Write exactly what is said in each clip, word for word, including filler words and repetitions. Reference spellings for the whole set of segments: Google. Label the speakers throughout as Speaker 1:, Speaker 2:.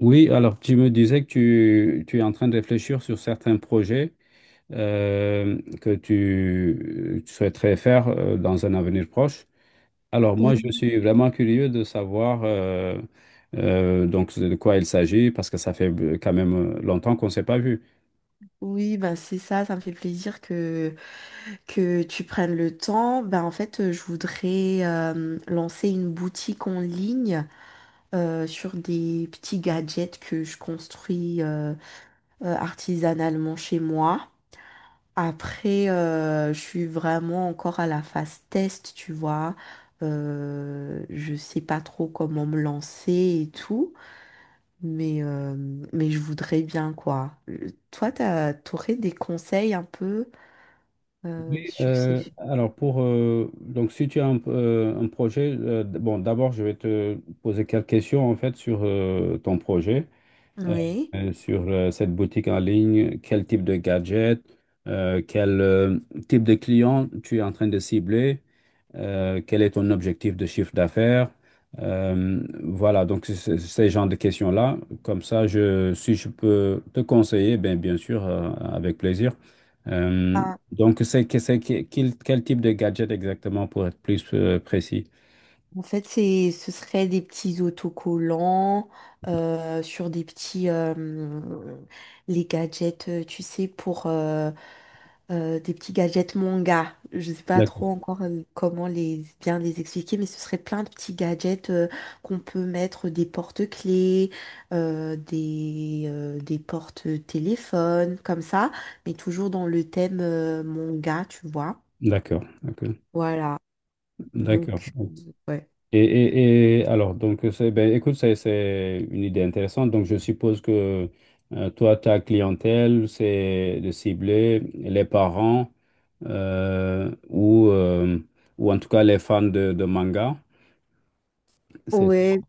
Speaker 1: Oui, alors tu me disais que tu, tu es en train de réfléchir sur certains projets euh, que tu, tu souhaiterais faire euh, dans un avenir proche. Alors moi, je
Speaker 2: Oui,
Speaker 1: suis vraiment curieux de savoir euh, euh, donc de quoi il s'agit parce que ça fait euh, quand même euh, longtemps qu'on ne s'est pas vu.
Speaker 2: oui, ben c'est ça, ça me fait plaisir que, que tu prennes le temps. Ben en fait, euh, je voudrais euh, lancer une boutique en ligne euh, sur des petits gadgets que je construis euh, euh, artisanalement chez moi. Après, euh, je suis vraiment encore à la phase test, tu vois. Euh, je sais pas trop comment me lancer et tout. Mais, euh, mais je voudrais bien, quoi. Euh, Toi, t'as, t'aurais des conseils un peu euh, sur ces
Speaker 1: Euh,
Speaker 2: films?
Speaker 1: alors pour euh, donc si tu as un, euh, un projet, euh, d- bon d'abord je vais te poser quelques questions en fait sur euh, ton projet. euh,
Speaker 2: Oui.
Speaker 1: euh, Sur euh, cette boutique en ligne, quel type de gadget, euh, quel euh, type de client tu es en train de cibler, euh, quel est ton objectif de chiffre d'affaires. Euh, voilà, donc c'est- c'est- ces genres de questions-là, comme ça, je, si je peux te conseiller, ben, bien sûr, euh, avec plaisir. Euh,
Speaker 2: Ah,
Speaker 1: donc, c'est que- c'est que- quel, quel type de gadget exactement pour être plus euh, précis?
Speaker 2: en fait, c'est, ce serait des petits autocollants euh, sur des petits... euh, les gadgets, euh, tu sais, pour, euh, euh, des petits gadgets manga. Je sais pas trop
Speaker 1: D'accord,
Speaker 2: encore euh, comment les bien les expliquer, mais ce serait plein de petits gadgets euh, qu'on peut mettre des porte-clés, euh, des, euh, des porte-téléphones, comme ça, mais toujours dans le thème euh, manga, tu vois.
Speaker 1: d'accord, d'accord.
Speaker 2: Voilà.
Speaker 1: D'accord.
Speaker 2: Donc, euh, ouais.
Speaker 1: Et, et, et alors, donc, euh, c'est, ben, écoute, c'est, c'est une idée intéressante. Donc, je suppose que euh, toi, ta clientèle, c'est de cibler les parents euh, ou, euh, ou en tout cas les fans de, de manga. C'est ça.
Speaker 2: Ouais,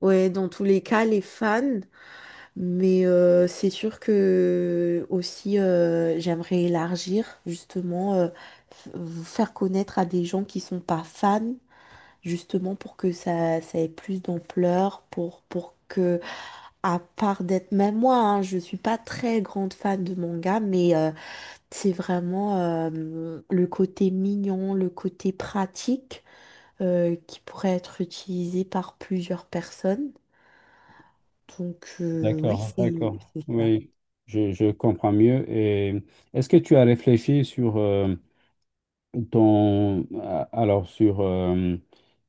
Speaker 2: ouais, dans tous les cas, les fans. Mais euh, c'est sûr que aussi euh, j'aimerais élargir justement euh, f- vous faire connaître à des gens qui sont pas fans justement pour que ça ça ait plus d'ampleur pour pour que à part d'être même moi hein, je suis pas très grande fan de manga mais euh, c'est vraiment euh, le côté mignon le côté pratique euh, qui pourrait être utilisé par plusieurs personnes donc euh, oui
Speaker 1: D'accord,
Speaker 2: c'est
Speaker 1: d'accord.
Speaker 2: c'est ça.
Speaker 1: Oui, je, je comprends mieux. Et est-ce que tu as réfléchi sur euh, ton, a- alors, sur euh,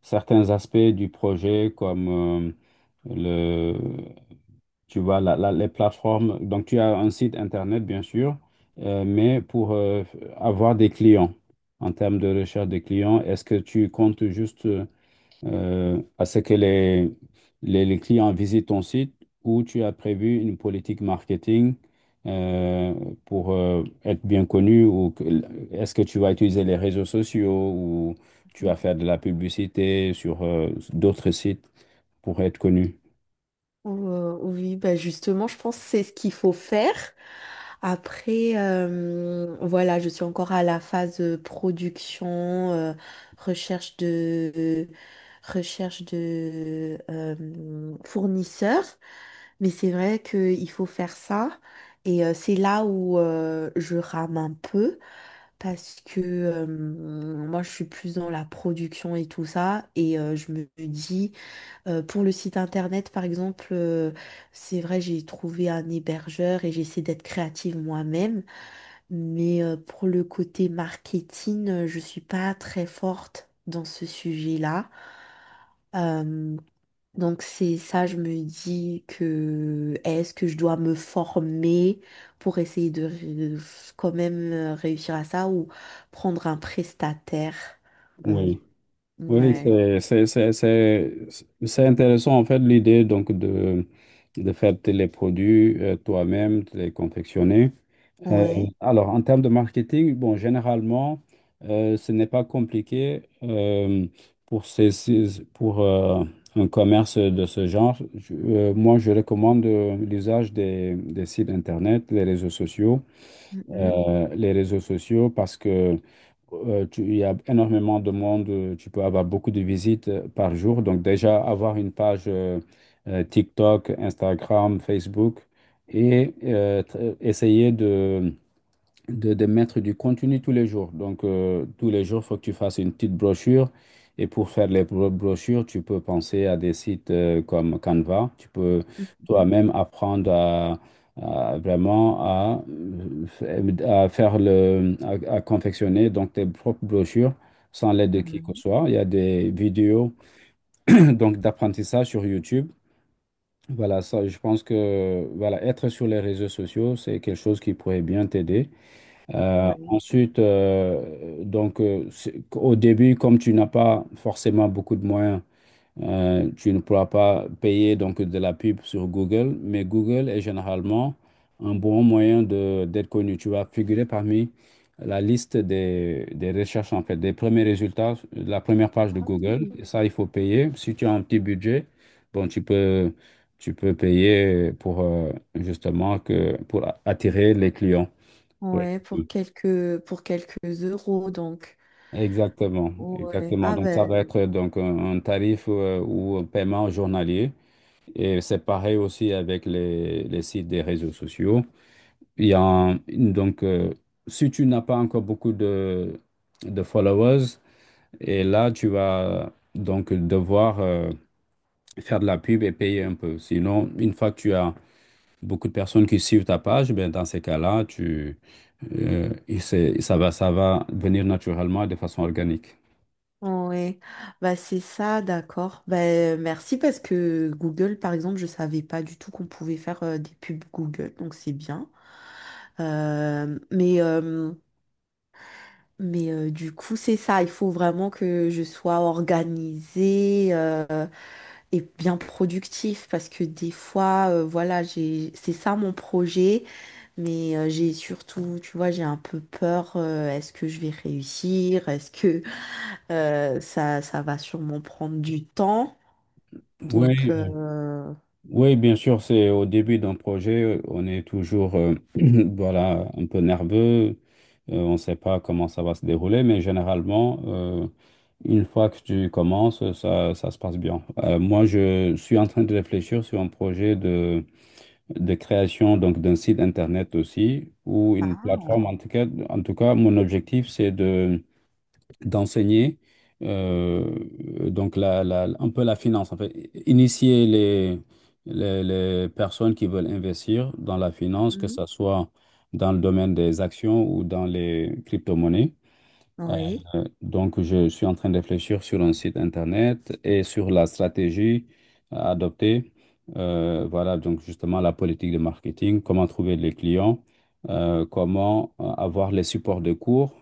Speaker 1: certains aspects du projet comme euh, tu vois, la- la- les plateformes, donc tu as un site internet, bien sûr, euh, mais pour euh, avoir des clients, en termes de recherche de clients, est-ce que tu comptes juste euh, à ce que les, les, les clients visitent ton site ou tu as prévu une politique marketing euh, pour euh, être bien connu ou que- est-ce que tu vas utiliser les réseaux sociaux ou tu vas faire de la publicité sur euh, d'autres sites pour être connu?
Speaker 2: Euh, oui, bah justement, je pense que c'est ce qu'il faut faire. Après, euh, voilà, je suis encore à la phase euh, production, euh, recherche de, recherche de euh, fournisseurs. Mais c'est vrai qu'il faut faire ça. Et euh, c'est là où euh, je rame un peu parce que euh, moi, je suis plus dans la production et tout ça. Et euh, je me dis... Euh, pour le site internet, par exemple, euh, c'est vrai, j'ai trouvé un hébergeur et j'essaie d'être créative moi-même, mais euh, pour le côté marketing, euh, je suis pas très forte dans ce sujet-là. Euh, donc c'est ça, je me dis que est-ce que je dois me former pour essayer de ré- quand même euh, réussir à ça ou prendre un prestataire? Euh,
Speaker 1: Oui. Oui,
Speaker 2: ouais.
Speaker 1: c'est c'est- c'est- c'est- c'est intéressant en fait l'idée donc de, de faire tes- les produits euh, toi-même, de les confectionner. Euh,
Speaker 2: Ouais.
Speaker 1: alors en termes de marketing, bon, généralement, euh, ce n'est pas compliqué euh, pour, ces, ces- pour euh, un commerce de ce genre. Je- euh, moi, je recommande euh, l'usage des, des sites internet, les réseaux sociaux,
Speaker 2: Mhm.
Speaker 1: euh, les réseaux sociaux parce que euh, tu- il y a énormément de monde, euh, tu peux avoir beaucoup de visites euh, par jour. Donc déjà, avoir une page euh, euh, TikTok, Instagram, Facebook et euh, tr- essayer de de, de mettre du contenu tous les jours. Donc, euh, tous les jours, il faut que tu fasses une petite brochure. Et pour faire les bro- brochures, tu peux penser à des sites euh, comme Canva. Tu peux
Speaker 2: Mhm.
Speaker 1: toi-même apprendre à, à vraiment à, euh, à faire le, à, à confectionner donc tes propres brochures sans l'aide de qui que ce
Speaker 2: Mhm.
Speaker 1: soit. Il y a des vidéos donc d'apprentissage sur YouTube. Voilà, ça, je pense que voilà, être sur les réseaux sociaux, c'est quelque chose qui pourrait bien t'aider. Euh,
Speaker 2: Oui.
Speaker 1: ensuite, euh, donc, euh, c'est- au début, comme tu n'as pas forcément beaucoup de moyens, euh, tu ne pourras pas payer donc de la pub sur Google, mais Google est généralement un bon moyen de d'être connu. Tu vas figurer parmi la liste des, des recherches, en fait, des premiers résultats, de la première page de Google. Et ça, il faut payer. Si tu as un petit budget, bon, tu peux, tu peux payer pour euh, justement que, pour attirer les clients. Pour
Speaker 2: Ouais, pour quelques pour quelques euros donc.
Speaker 1: Exactement,
Speaker 2: Ouais.
Speaker 1: exactement.
Speaker 2: Ah
Speaker 1: Donc ça
Speaker 2: ben
Speaker 1: va être donc un, un tarif euh, ou un paiement journalier. Et c'est pareil aussi avec les, les sites des réseaux sociaux. Il y a un- donc euh, Si tu n'as pas encore beaucoup de, de followers, et là tu vas donc devoir euh, faire de la pub et payer un peu. Sinon, une fois que tu as beaucoup de personnes qui suivent ta page, ben dans ces cas-là, tu euh, et c'est- ça va ça va venir naturellement de façon organique.
Speaker 2: ouais. Bah c'est ça, d'accord. Ben merci parce que Google, par exemple, je savais pas du tout qu'on pouvait faire euh, des pubs Google, donc c'est bien. Euh, mais euh, mais euh, du coup, c'est ça, il faut vraiment que je sois organisée euh, et bien productif parce que des fois, euh, voilà, j'ai c'est ça mon projet. Mais euh, j'ai surtout, tu vois, j'ai un peu peur. Euh, est-ce que je vais réussir? Est-ce que euh, ça, ça va sûrement prendre du temps? Donc,
Speaker 1: Oui.
Speaker 2: euh,
Speaker 1: Oui, bien sûr, c'est au début d'un projet, on est toujours euh, voilà, un peu nerveux, euh, on ne sait pas comment ça va se dérouler, mais généralement, euh, une fois que tu commences, ça, ça se passe bien. Euh, moi, je suis en train de réfléchir sur un projet de, de création donc d'un site internet aussi, ou une
Speaker 2: ah,
Speaker 1: plateforme. En tout cas, en tout cas, mon objectif, c'est d'enseigner euh, donc la, la- un peu la finance, en fait, initier les, les, les personnes qui veulent investir dans la finance, que
Speaker 2: mhm,
Speaker 1: ce soit dans le domaine des actions ou dans les crypto-monnaies.
Speaker 2: oui,
Speaker 1: Euh, donc, je suis en train de réfléchir sur un site internet et sur la stratégie à adopter. Euh, voilà, donc justement la politique de marketing, comment trouver les clients, euh, comment euh, avoir les supports de cours.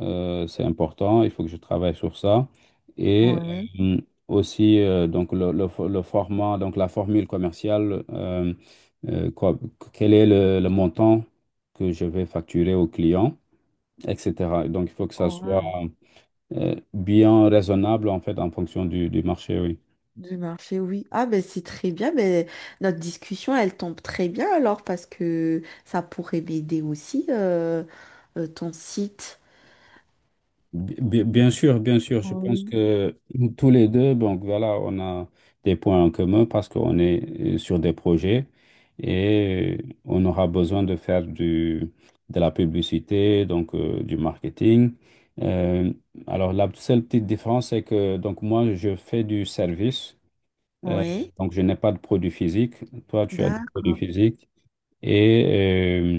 Speaker 1: Euh, c'est important, il faut que je travaille sur ça. Et
Speaker 2: ouais,
Speaker 1: euh, aussi, euh, donc le, le fo- le format, donc la formule commerciale, euh, euh, quoi- quel est le le montant que je vais facturer au client et cætera. Donc, il faut que ça
Speaker 2: oh,
Speaker 1: soit
Speaker 2: wow.
Speaker 1: euh, bien raisonnable en fait en fonction du, du marché, oui.
Speaker 2: Du marché, oui. Ah, ben c'est très bien. Ben, notre discussion, elle tombe très bien alors parce que ça pourrait m'aider aussi, euh, euh, ton site.
Speaker 1: Bi- bi- Bien sûr, bien sûr, je pense
Speaker 2: Oui.
Speaker 1: que nous tous les deux, donc voilà, on a des points en commun parce qu'on est euh, sur des projets et on aura besoin de faire du, de la publicité, donc euh, du marketing. Euh, alors la seule petite différence, c'est que donc moi, je fais du service, euh,
Speaker 2: Oui,
Speaker 1: donc je n'ai pas de produit physique. Toi, tu as des produits
Speaker 2: d'accord.
Speaker 1: physiques. Et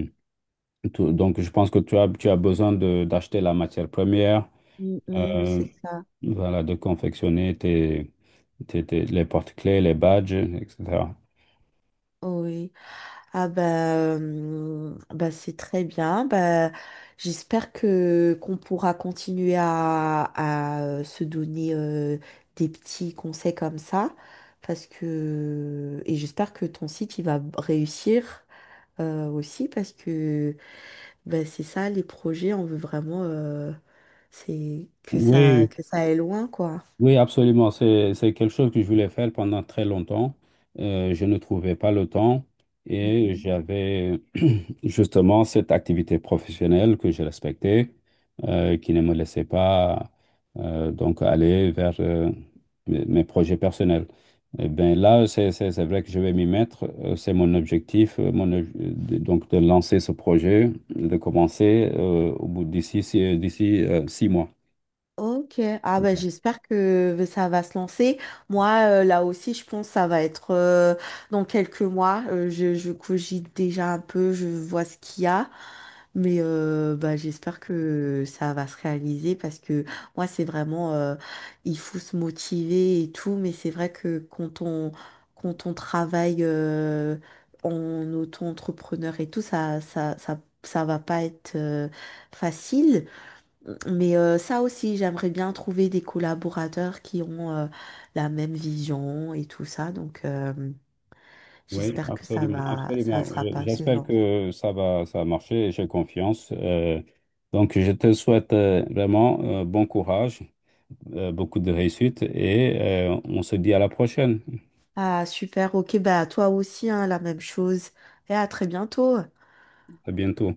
Speaker 1: euh, tout- donc, je pense que tu as, tu as besoin de, d'acheter la matière première,
Speaker 2: Mm, mm,
Speaker 1: euh,
Speaker 2: c'est ça.
Speaker 1: voilà, de confectionner tes, tes- tes- les porte-clés, les badges, et cætera.
Speaker 2: Oui. Ah bah, hum, bah c'est très bien. Bah, j'espère que qu'on pourra continuer à, à, euh, se donner euh, des petits conseils comme ça. Parce que et j'espère que ton site il va réussir euh, aussi parce que bah, c'est ça les projets, on veut vraiment euh, c'est que ça
Speaker 1: Oui,
Speaker 2: que ça aille loin quoi.
Speaker 1: oui, absolument. C'est, c'est quelque chose que je voulais faire pendant très longtemps. Euh, je ne trouvais pas le temps
Speaker 2: Mm,
Speaker 1: et
Speaker 2: mm.
Speaker 1: j'avais justement cette activité professionnelle que je respectais, euh, qui ne me laissait pas euh, donc aller vers euh, mes, mes projets personnels. Eh bien là, c'est c'est- c'est vrai que je vais m'y mettre. euh, C'est mon objectif, euh, mon, ob- de- donc de lancer ce projet, de commencer euh, au bout d'ici six- d'ici euh, six mois.
Speaker 2: Ok, ah ben j'espère que ça va se lancer. Moi, euh, là aussi, je pense que ça va être euh, dans quelques mois. Euh, je, je cogite déjà un peu, je vois ce qu'il y a. Mais euh, bah, j'espère que ça va se réaliser parce que moi, c'est vraiment, euh, il faut se motiver et tout. Mais c'est vrai que quand on, quand on travaille euh, en auto-entrepreneur et tout, ça, ça, ça, ça va pas être euh, facile. Mais euh, ça aussi, j'aimerais bien trouver des collaborateurs qui ont euh, la même vision et tout ça. Donc, euh,
Speaker 1: Oui,
Speaker 2: j'espère que ça
Speaker 1: absolument,
Speaker 2: va, ça ne
Speaker 1: absolument.
Speaker 2: sera
Speaker 1: Je-
Speaker 2: pas assez
Speaker 1: J'espère
Speaker 2: lent.
Speaker 1: que ça va, ça va marcher et j'ai confiance. Euh, donc, je te souhaite euh, vraiment euh, bon courage euh, beaucoup de réussite et euh, on se dit à la prochaine.
Speaker 2: Ah, super. Ok, bah, toi aussi, hein, la même chose. Et à très bientôt.
Speaker 1: À bientôt.